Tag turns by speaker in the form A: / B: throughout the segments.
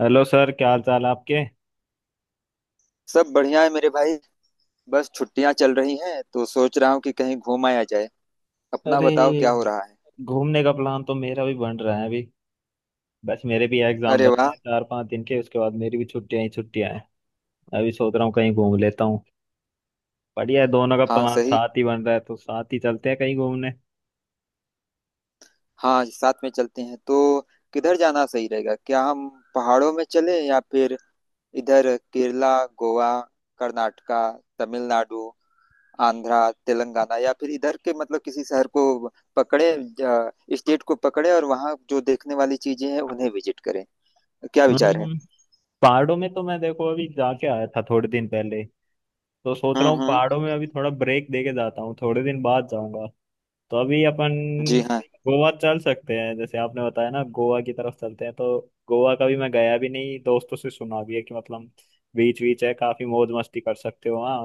A: Hello sir, क्या हाल चाल आपके।
B: सब बढ़िया है मेरे भाई। बस छुट्टियां चल रही हैं तो सोच रहा हूँ कि कहीं घूम आया जाए। अपना
A: अरे,
B: बताओ क्या हो रहा है।
A: घूमने का प्लान तो मेरा भी बन रहा है अभी। बस मेरे भी एग्जाम
B: अरे
A: बचे
B: वाह।
A: हैं 4-5 दिन के, उसके बाद मेरी भी छुट्टियां ही छुट्टियां हैं। अभी सोच रहा हूँ कहीं घूम लेता हूँ। बढ़िया है, दोनों का
B: हाँ
A: प्लान
B: सही।
A: साथ ही बन रहा है तो साथ ही चलते हैं कहीं घूमने।
B: हाँ, साथ में चलते हैं तो किधर जाना सही रहेगा क्या हम? पहाड़ों में चलें या फिर इधर केरला, गोवा, कर्नाटका, तमिलनाडु, आंध्रा, तेलंगाना या फिर इधर के मतलब किसी शहर को पकड़े, स्टेट को पकड़े और वहाँ जो देखने वाली चीजें हैं उन्हें विजिट करें। क्या विचार है?
A: हम्म। पहाड़ों में तो मैं देखो अभी जाके आया था थोड़े दिन पहले, तो सोच रहा
B: हम्म,
A: हूँ
B: हम्म।
A: पहाड़ों में अभी थोड़ा ब्रेक दे के जाता हूँ, थोड़े दिन बाद जाऊंगा। तो अभी अपन
B: जी हाँ।
A: गोवा चल सकते हैं, जैसे आपने बताया ना, गोवा की तरफ चलते हैं तो। गोवा कभी मैं गया भी नहीं, दोस्तों से सुना भी है कि मतलब बीच बीच है, काफी मौज मस्ती कर सकते हो वहाँ।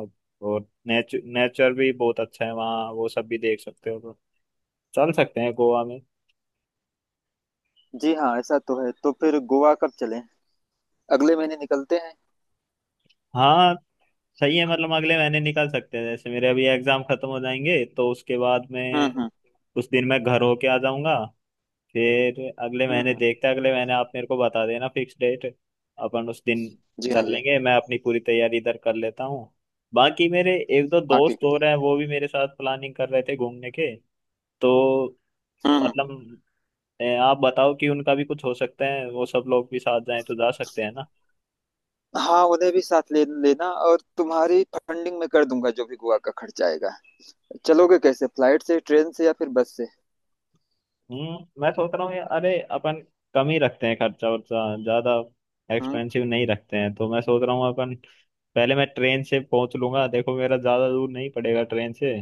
A: और नेचर नेचर भी बहुत अच्छा है वहाँ, वो सब भी देख सकते हो, तो चल सकते हैं गोवा में।
B: जी हाँ, ऐसा तो है, तो फिर गोवा कब चलें? अगले महीने निकलते हैं।
A: हाँ, सही है, मतलब अगले महीने निकल सकते हैं, जैसे मेरे अभी एग्जाम खत्म हो जाएंगे तो उसके बाद
B: हम्म,
A: में
B: हम्म।
A: उस दिन मैं घर होके आ जाऊंगा। फिर अगले
B: हम्म,
A: महीने देखते हैं, अगले महीने आप मेरे को बता देना फिक्स डेट। अपन उस दिन
B: जी हाँ,
A: चल
B: जी
A: लेंगे,
B: हाँ।
A: मैं अपनी पूरी तैयारी इधर कर लेता हूँ। बाकी मेरे एक दो
B: हाँ,
A: दोस्त
B: ठीक है,
A: हो
B: ठीक
A: रहे हैं, वो भी मेरे साथ प्लानिंग कर रहे थे घूमने के, तो
B: है। हम्म,
A: मतलब आप बताओ कि उनका भी कुछ हो सकता है, वो सब लोग भी साथ जाएं तो जा सकते हैं ना।
B: हाँ, उन्हें भी साथ ले लेना और तुम्हारी फंडिंग में कर दूंगा, जो भी गोवा का खर्चा आएगा। चलोगे कैसे, फ्लाइट से, ट्रेन से या फिर बस से?
A: मैं सोच रहा हूँ, अरे अपन कम ही रखते हैं खर्चा वर्चा, ज्यादा
B: हम्म।
A: एक्सपेंसिव नहीं रखते हैं, तो मैं सोच रहा हूँ अपन पहले मैं ट्रेन से पहुंच लूंगा, देखो मेरा ज्यादा दूर नहीं पड़ेगा ट्रेन से।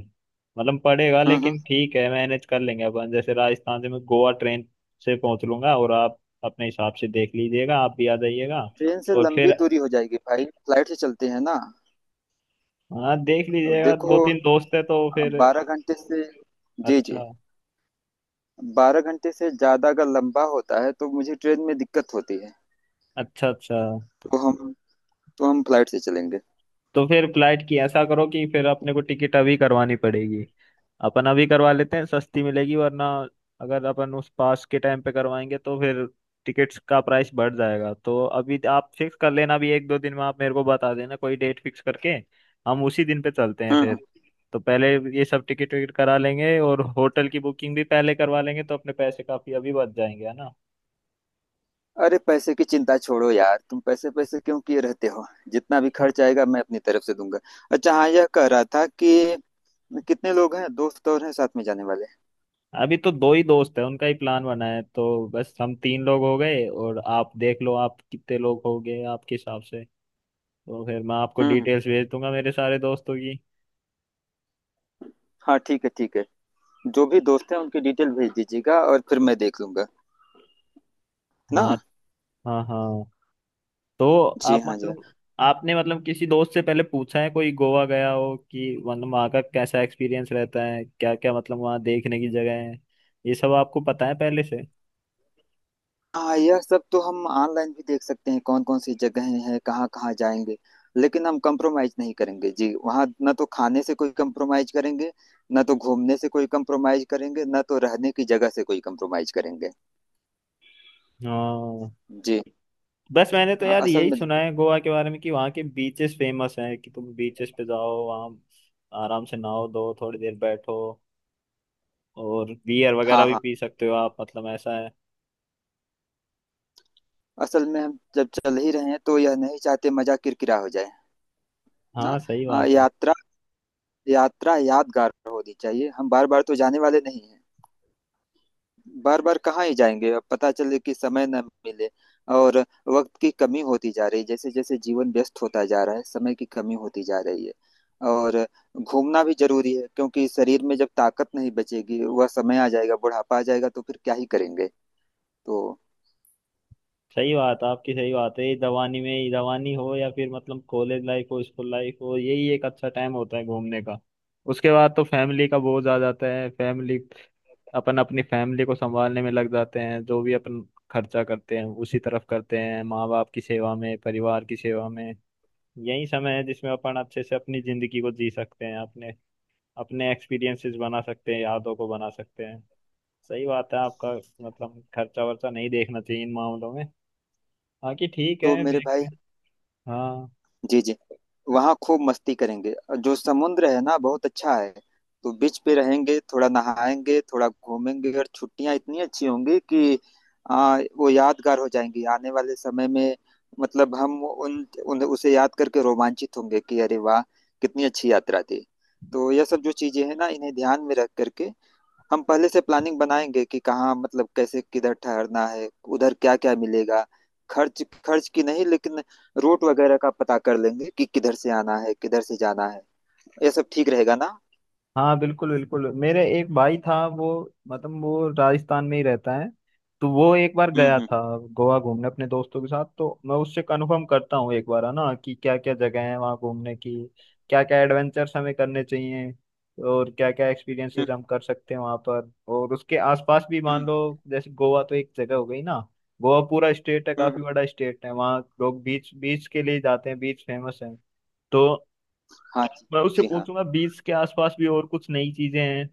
A: मतलब पड़ेगा,
B: हम्म,
A: लेकिन ठीक है, मैनेज कर लेंगे अपन, जैसे राजस्थान से मैं गोवा ट्रेन से पहुंच लूंगा, और आप अपने हिसाब से देख लीजिएगा, आप भी आ जाइएगा।
B: ट्रेन से
A: और
B: लंबी
A: फिर
B: दूरी हो जाएगी भाई, फ्लाइट से चलते हैं ना।
A: हाँ, देख लीजिएगा,
B: देखो,
A: दो तीन दोस्त है तो फिर।
B: बारह घंटे से जी, जी।
A: अच्छा,
B: बारह घंटे से ज्यादा अगर लंबा होता है तो मुझे ट्रेन में दिक्कत होती है।
A: अच्छा। अच्छा।
B: तो हम तो हम फ्लाइट से चलेंगे।
A: तो फिर फ्लाइट की ऐसा करो कि फिर अपने को टिकट अभी करवानी पड़ेगी। अपन अभी करवा लेते हैं, सस्ती मिलेगी, वरना अगर अपन उस पास के टाइम पे करवाएंगे तो फिर टिकट्स का प्राइस बढ़ जाएगा। तो अभी आप फिक्स कर लेना, अभी 1-2 दिन में आप मेरे को बता देना कोई डेट फिक्स करके। हम उसी दिन पे चलते हैं
B: हम्म।
A: फिर। तो पहले ये सब टिकट विकट करा लेंगे, और होटल की बुकिंग भी पहले करवा लेंगे तो अपने पैसे काफी अभी बच जाएंगे, है ना।
B: अरे, पैसे की चिंता छोड़ो यार, तुम पैसे पैसे क्यों किए रहते हो। जितना भी खर्च आएगा मैं अपनी तरफ से दूंगा। अच्छा, हाँ, यह कह रहा था कि कितने लोग हैं, दोस्त और हैं साथ में जाने वाले?
A: अभी तो दो ही दोस्त है, उनका ही प्लान बना है, तो बस हम तीन लोग हो गए, और आप देख लो आप कितने लोग हो गए आपके हिसाब से। तो फिर मैं आपको
B: हम्म,
A: डिटेल्स भेज दूंगा मेरे सारे दोस्तों की।
B: हाँ ठीक है, ठीक है। जो भी दोस्त हैं उनकी डिटेल भेज दीजिएगा और फिर मैं देख लूंगा ना।
A: हाँ, हाँ, हाँ। तो
B: जी
A: आप
B: हाँ, जी हाँ।
A: मतलब आपने मतलब किसी दोस्त से पहले पूछा है कोई गोवा गया हो, कि मतलब वहाँ का कैसा एक्सपीरियंस रहता है, क्या क्या मतलब वहाँ देखने की जगह है, ये सब आपको पता है पहले से।
B: हाँ, यह सब तो हम ऑनलाइन भी देख सकते हैं, कौन कौन सी जगहें हैं, कहाँ कहाँ जाएंगे। लेकिन हम कंप्रोमाइज नहीं करेंगे जी, वहाँ ना तो खाने से कोई कंप्रोमाइज करेंगे, ना तो घूमने से कोई कंप्रोमाइज करेंगे, ना तो रहने की जगह से कोई कंप्रोमाइज करेंगे।
A: हाँ।
B: जी।
A: बस मैंने तो
B: हाँ
A: यार
B: असल
A: यही
B: में
A: सुना
B: देखिए
A: है गोवा के बारे में कि वहाँ के बीचेस फेमस हैं, कि तुम बीचेस पे जाओ वहाँ, आराम से नहाओ धो, थोड़ी देर बैठो, और बियर वगैरह
B: हाँ,
A: भी
B: हाँ,
A: पी सकते हो आप, मतलब ऐसा है।
B: असल में हम जब चल ही रहे हैं तो यह नहीं चाहते मजा किरकिरा हो जाए ना।
A: हाँ, सही बात है।
B: यात्रा यात्रा यादगार होनी चाहिए। हम बार बार तो जाने वाले नहीं हैं। बार बार कहाँ ही जाएंगे, अब पता चले कि समय न मिले। और वक्त की कमी होती जा रही है, जैसे जैसे जीवन व्यस्त होता जा रहा है, समय की कमी होती जा रही है। और घूमना भी जरूरी है, क्योंकि शरीर में जब ताकत नहीं बचेगी, वह समय आ जाएगा, बुढ़ापा आ जाएगा, तो फिर क्या ही करेंगे। तो
A: सही बात है आपकी, सही बात है। ये जवानी हो या फिर मतलब कॉलेज लाइफ हो, स्कूल लाइफ हो, यही एक अच्छा टाइम होता है घूमने का। उसके बाद तो फैमिली का बोझ आ जाता है। फैमिली अपन अपनी फैमिली को संभालने में लग जाते हैं, जो भी अपन खर्चा करते हैं उसी तरफ करते हैं, माँ बाप की सेवा में, परिवार की सेवा में। यही समय है जिसमें अपन अच्छे से अपनी जिंदगी को जी सकते हैं, अपने अपने एक्सपीरियंसेस बना सकते हैं, यादों को बना सकते हैं। सही बात है आपका, मतलब खर्चा वर्चा नहीं देखना चाहिए इन मामलों में। बाकी ठीक
B: तो
A: है,
B: मेरे भाई,
A: देखते हैं। हाँ।
B: जी, जी, वहाँ खूब मस्ती करेंगे। जो समुद्र है ना, बहुत अच्छा है। तो बीच पे रहेंगे, थोड़ा नहाएंगे, थोड़ा घूमेंगे और छुट्टियाँ इतनी अच्छी होंगी कि वो यादगार हो जाएंगी आने वाले समय में। मतलब हम उन, उन उसे याद करके रोमांचित होंगे कि अरे वाह, कितनी अच्छी यात्रा थी। तो यह सब जो चीजें हैं ना, इन्हें ध्यान में रख करके हम पहले से प्लानिंग बनाएंगे कि कहाँ, मतलब कैसे, किधर ठहरना है, उधर क्या क्या मिलेगा। खर्च खर्च की नहीं, लेकिन रूट वगैरह का पता कर लेंगे कि किधर से आना है, किधर से जाना है। ये सब ठीक रहेगा ना?
A: हाँ, बिल्कुल बिल्कुल। मेरे एक भाई था वो राजस्थान में ही रहता है। तो वो एक बार
B: हम्म,
A: गया
B: हम्म,
A: था गोवा घूमने अपने दोस्तों के साथ, तो मैं उससे कंफर्म करता हूँ एक बार है ना, कि क्या क्या जगह है वहाँ घूमने की, क्या क्या एडवेंचर्स हमें करने चाहिए, और क्या क्या एक्सपीरियंसेस
B: हम्म,
A: हम कर सकते हैं वहाँ पर और उसके आसपास भी, मान
B: हम्म,
A: लो, जैसे गोवा तो एक जगह हो गई ना। गोवा पूरा स्टेट है,
B: हम्म,
A: काफी बड़ा स्टेट है, वहाँ लोग बीच बीच के लिए जाते हैं, बीच फेमस है तो।
B: हाँ जी।
A: मैं उससे
B: जी हाँ।
A: पूछूंगा 20 के आसपास भी और कुछ नई चीजें हैं,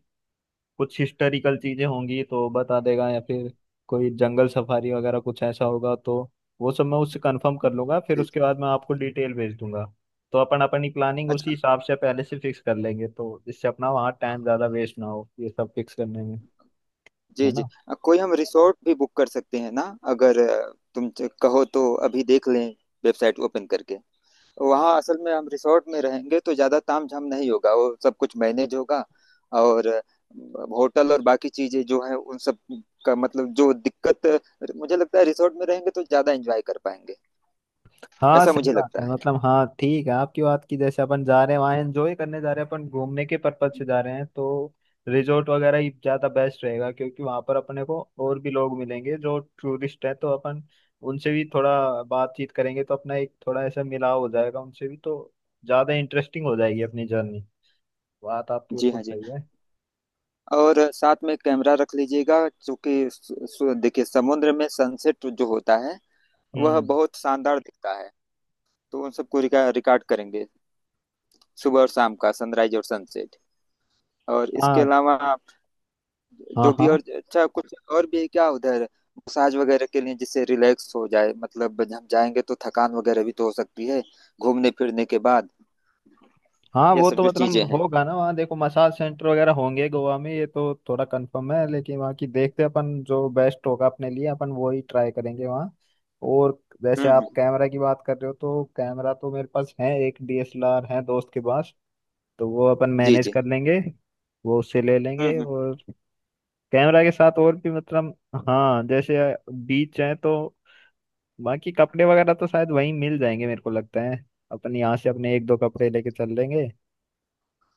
A: कुछ हिस्टोरिकल चीजें होंगी तो बता देगा, या फिर कोई जंगल सफारी वगैरह कुछ ऐसा होगा तो वो सब मैं उससे कंफर्म
B: हम्म,
A: कर लूंगा। फिर
B: जी,
A: उसके
B: जी।
A: बाद मैं आपको डिटेल भेज दूंगा। तो अपन अपनी प्लानिंग उसी
B: अच्छा,
A: हिसाब से पहले से फिक्स कर लेंगे, तो इससे अपना वहाँ टाइम ज्यादा वेस्ट ना हो ये सब फिक्स करने में, है
B: जी, जी।
A: ना।
B: कोई हम रिसोर्ट भी बुक कर सकते हैं ना? अगर तुम कहो तो अभी देख लें, वेबसाइट ओपन करके। तो वहाँ असल में हम रिसोर्ट में रहेंगे तो ज़्यादा तामझाम नहीं होगा, वो सब कुछ मैनेज होगा। और होटल और बाकी चीज़ें जो हैं, उन सब का मतलब जो दिक्कत, मुझे लगता है रिसोर्ट में रहेंगे तो ज़्यादा एंजॉय कर पाएंगे।
A: हाँ,
B: ऐसा
A: सही
B: मुझे
A: बात
B: लगता
A: है,
B: है।
A: मतलब हाँ ठीक है आपकी बात की, जैसे अपन जा रहे हैं वहाँ एंजॉय करने जा रहे हैं, अपन घूमने के पर्पज से जा रहे हैं, तो रिजोर्ट वगैरह ही ज़्यादा बेस्ट रहेगा, क्योंकि वहाँ पर अपने को और भी लोग मिलेंगे जो टूरिस्ट है, तो अपन उनसे भी थोड़ा बातचीत करेंगे तो अपना एक थोड़ा ऐसा मिलाव हो जाएगा उनसे भी, तो ज़्यादा इंटरेस्टिंग हो जाएगी अपनी जर्नी। बात आपकी
B: जी
A: बिल्कुल
B: हाँ, जी।
A: सही है।
B: और साथ में कैमरा रख लीजिएगा, क्योंकि सु- सु- देखिए, समुद्र में सनसेट जो होता है वह
A: हम्म।
B: बहुत शानदार दिखता है। तो उन सबको रिकॉर्ड करेंगे, सुबह और शाम का सनराइज और सनसेट। और इसके
A: हाँ,
B: अलावा
A: हाँ,
B: जो भी
A: हाँ,
B: और अच्छा कुछ और भी है क्या उधर, मसाज वगैरह के लिए, जिससे रिलैक्स हो जाए। मतलब हम जाएंगे तो थकान वगैरह भी तो हो सकती है घूमने फिरने के बाद।
A: हाँ।
B: ये
A: वो
B: सब
A: तो
B: जो
A: मतलब
B: चीजें हैं।
A: होगा ना वहाँ, देखो मसाज सेंटर वगैरह होंगे गोवा में, ये तो थोड़ा कंफर्म है, लेकिन वहाँ की देखते हैं अपन, जो बेस्ट होगा अपने लिए अपन वो ही ट्राई करेंगे वहाँ। और जैसे
B: हम्म,
A: आप
B: हम्म,
A: कैमरा की बात कर रहे हो, तो कैमरा तो मेरे पास है, एक डीएसएलआर है दोस्त के पास, तो वो अपन
B: जी,
A: मैनेज
B: जी,
A: कर लेंगे। वो उससे ले लेंगे।
B: हम्म, हम्म,
A: और कैमरा के साथ और भी, मतलब हाँ जैसे बीच है तो बाकी कपड़े वगैरह तो शायद वहीं मिल जाएंगे मेरे को लगता है। अपन यहाँ से अपने एक दो कपड़े लेके चल लेंगे,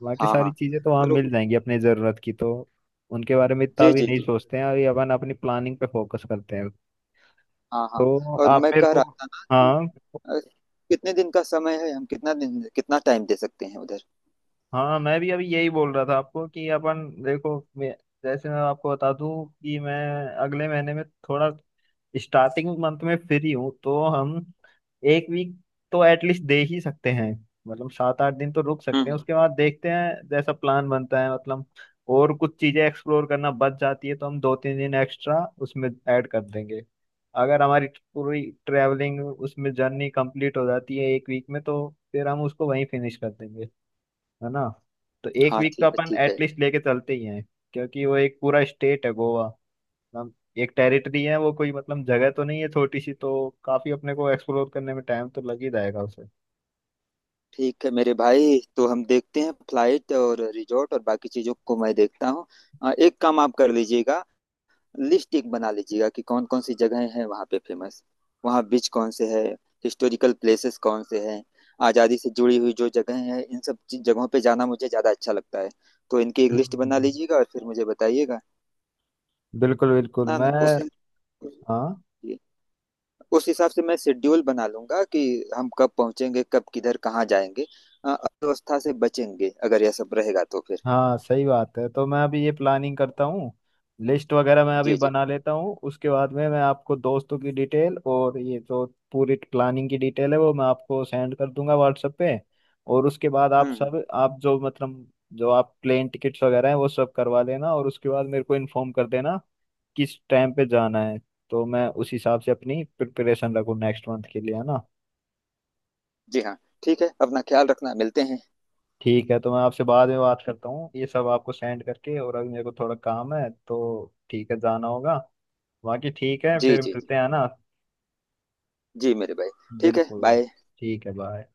A: बाकी
B: हाँ,
A: सारी
B: हाँ।
A: चीजें तो वहाँ
B: और
A: मिल जाएंगी अपनी जरूरत की, तो उनके बारे में इतना
B: जी,
A: भी
B: जी,
A: नहीं
B: जी,
A: सोचते हैं अभी, अपन अपनी प्लानिंग पे फोकस करते हैं।
B: हाँ, हाँ।
A: तो
B: और
A: आप
B: मैं
A: मेरे
B: कह
A: को।
B: रहा था ना कि
A: हाँ,
B: अ, कितने दिन का समय है, हम कितना दिन, कितना टाइम दे सकते हैं उधर?
A: हाँ, मैं भी अभी यही बोल रहा था आपको कि अपन देखो जैसे मैं आपको बता दूं कि मैं अगले महीने में थोड़ा स्टार्टिंग मंथ में फ्री हूँ, तो हम एक वीक तो एटलीस्ट दे ही सकते हैं, मतलब 7-8 दिन तो रुक सकते हैं।
B: हम्म,
A: उसके बाद देखते हैं जैसा प्लान बनता है, मतलब और कुछ चीजें एक्सप्लोर करना बच जाती है तो हम 2-3 दिन एक्स्ट्रा उसमें ऐड कर देंगे। अगर हमारी पूरी ट्रैवलिंग उसमें जर्नी कंप्लीट हो जाती है एक वीक में तो फिर हम उसको वहीं फिनिश कर देंगे, है ना। तो एक
B: हाँ
A: वीक का
B: ठीक है,
A: अपन
B: ठीक है।
A: एटलीस्ट लेके चलते ही हैं, क्योंकि वो एक पूरा स्टेट है गोवा। हम एक टेरिटरी है वो, कोई मतलब जगह तो नहीं है छोटी सी, तो काफी अपने को एक्सप्लोर करने में टाइम तो लग ही जाएगा उसे।
B: ठीक है मेरे भाई, तो हम देखते हैं फ्लाइट और रिजॉर्ट और बाकी चीजों को मैं देखता हूँ। एक काम आप कर लीजिएगा, लिस्ट एक बना लीजिएगा कि कौन कौन सी जगहें हैं वहाँ पे फेमस, वहाँ बीच कौन से है, हिस्टोरिकल प्लेसेस कौन से हैं, आज़ादी से जुड़ी हुई जो जगहें हैं, इन सब जगहों पे जाना मुझे ज़्यादा अच्छा लगता है। तो इनकी एक लिस्ट बना
A: हम्म
B: लीजिएगा और फिर मुझे बताइएगा।
A: बिल्कुल बिल्कुल
B: ना,
A: मैं।
B: ना,
A: हाँ,
B: उस हिसाब से मैं शेड्यूल बना लूंगा कि हम कब पहुंचेंगे, कब किधर कहाँ जाएंगे। अव्यवस्था से बचेंगे अगर यह सब रहेगा तो फिर।
A: हाँ, सही बात है। तो मैं अभी ये प्लानिंग करता हूँ, लिस्ट वगैरह मैं अभी
B: जी, जी,
A: बना लेता हूँ, उसके बाद में मैं आपको दोस्तों की डिटेल और ये जो पूरी प्लानिंग की डिटेल है वो मैं आपको सेंड कर दूंगा व्हाट्सएप पे। और उसके बाद आप
B: हम्म,
A: सब आप जो मतलब जो आप प्लेन टिकट्स वगैरह हैं वो सब करवा लेना, और उसके बाद मेरे को इन्फॉर्म कर देना किस टाइम पे जाना है। तो मैं उस हिसाब से अपनी प्रिपरेशन रखूँ नेक्स्ट मंथ के लिए, है ना।
B: जी हाँ। ठीक है, अपना ख्याल रखना, मिलते हैं।
A: ठीक है, तो मैं आपसे बाद में बात करता हूँ ये सब आपको सेंड करके। और अभी मेरे को थोड़ा काम है, तो ठीक है, जाना होगा। बाकी ठीक है,
B: जी,
A: फिर
B: जी,
A: मिलते हैं ना।
B: जी मेरे भाई। ठीक है,
A: बिल्कुल।
B: बाय।
A: ठीक है, बाय।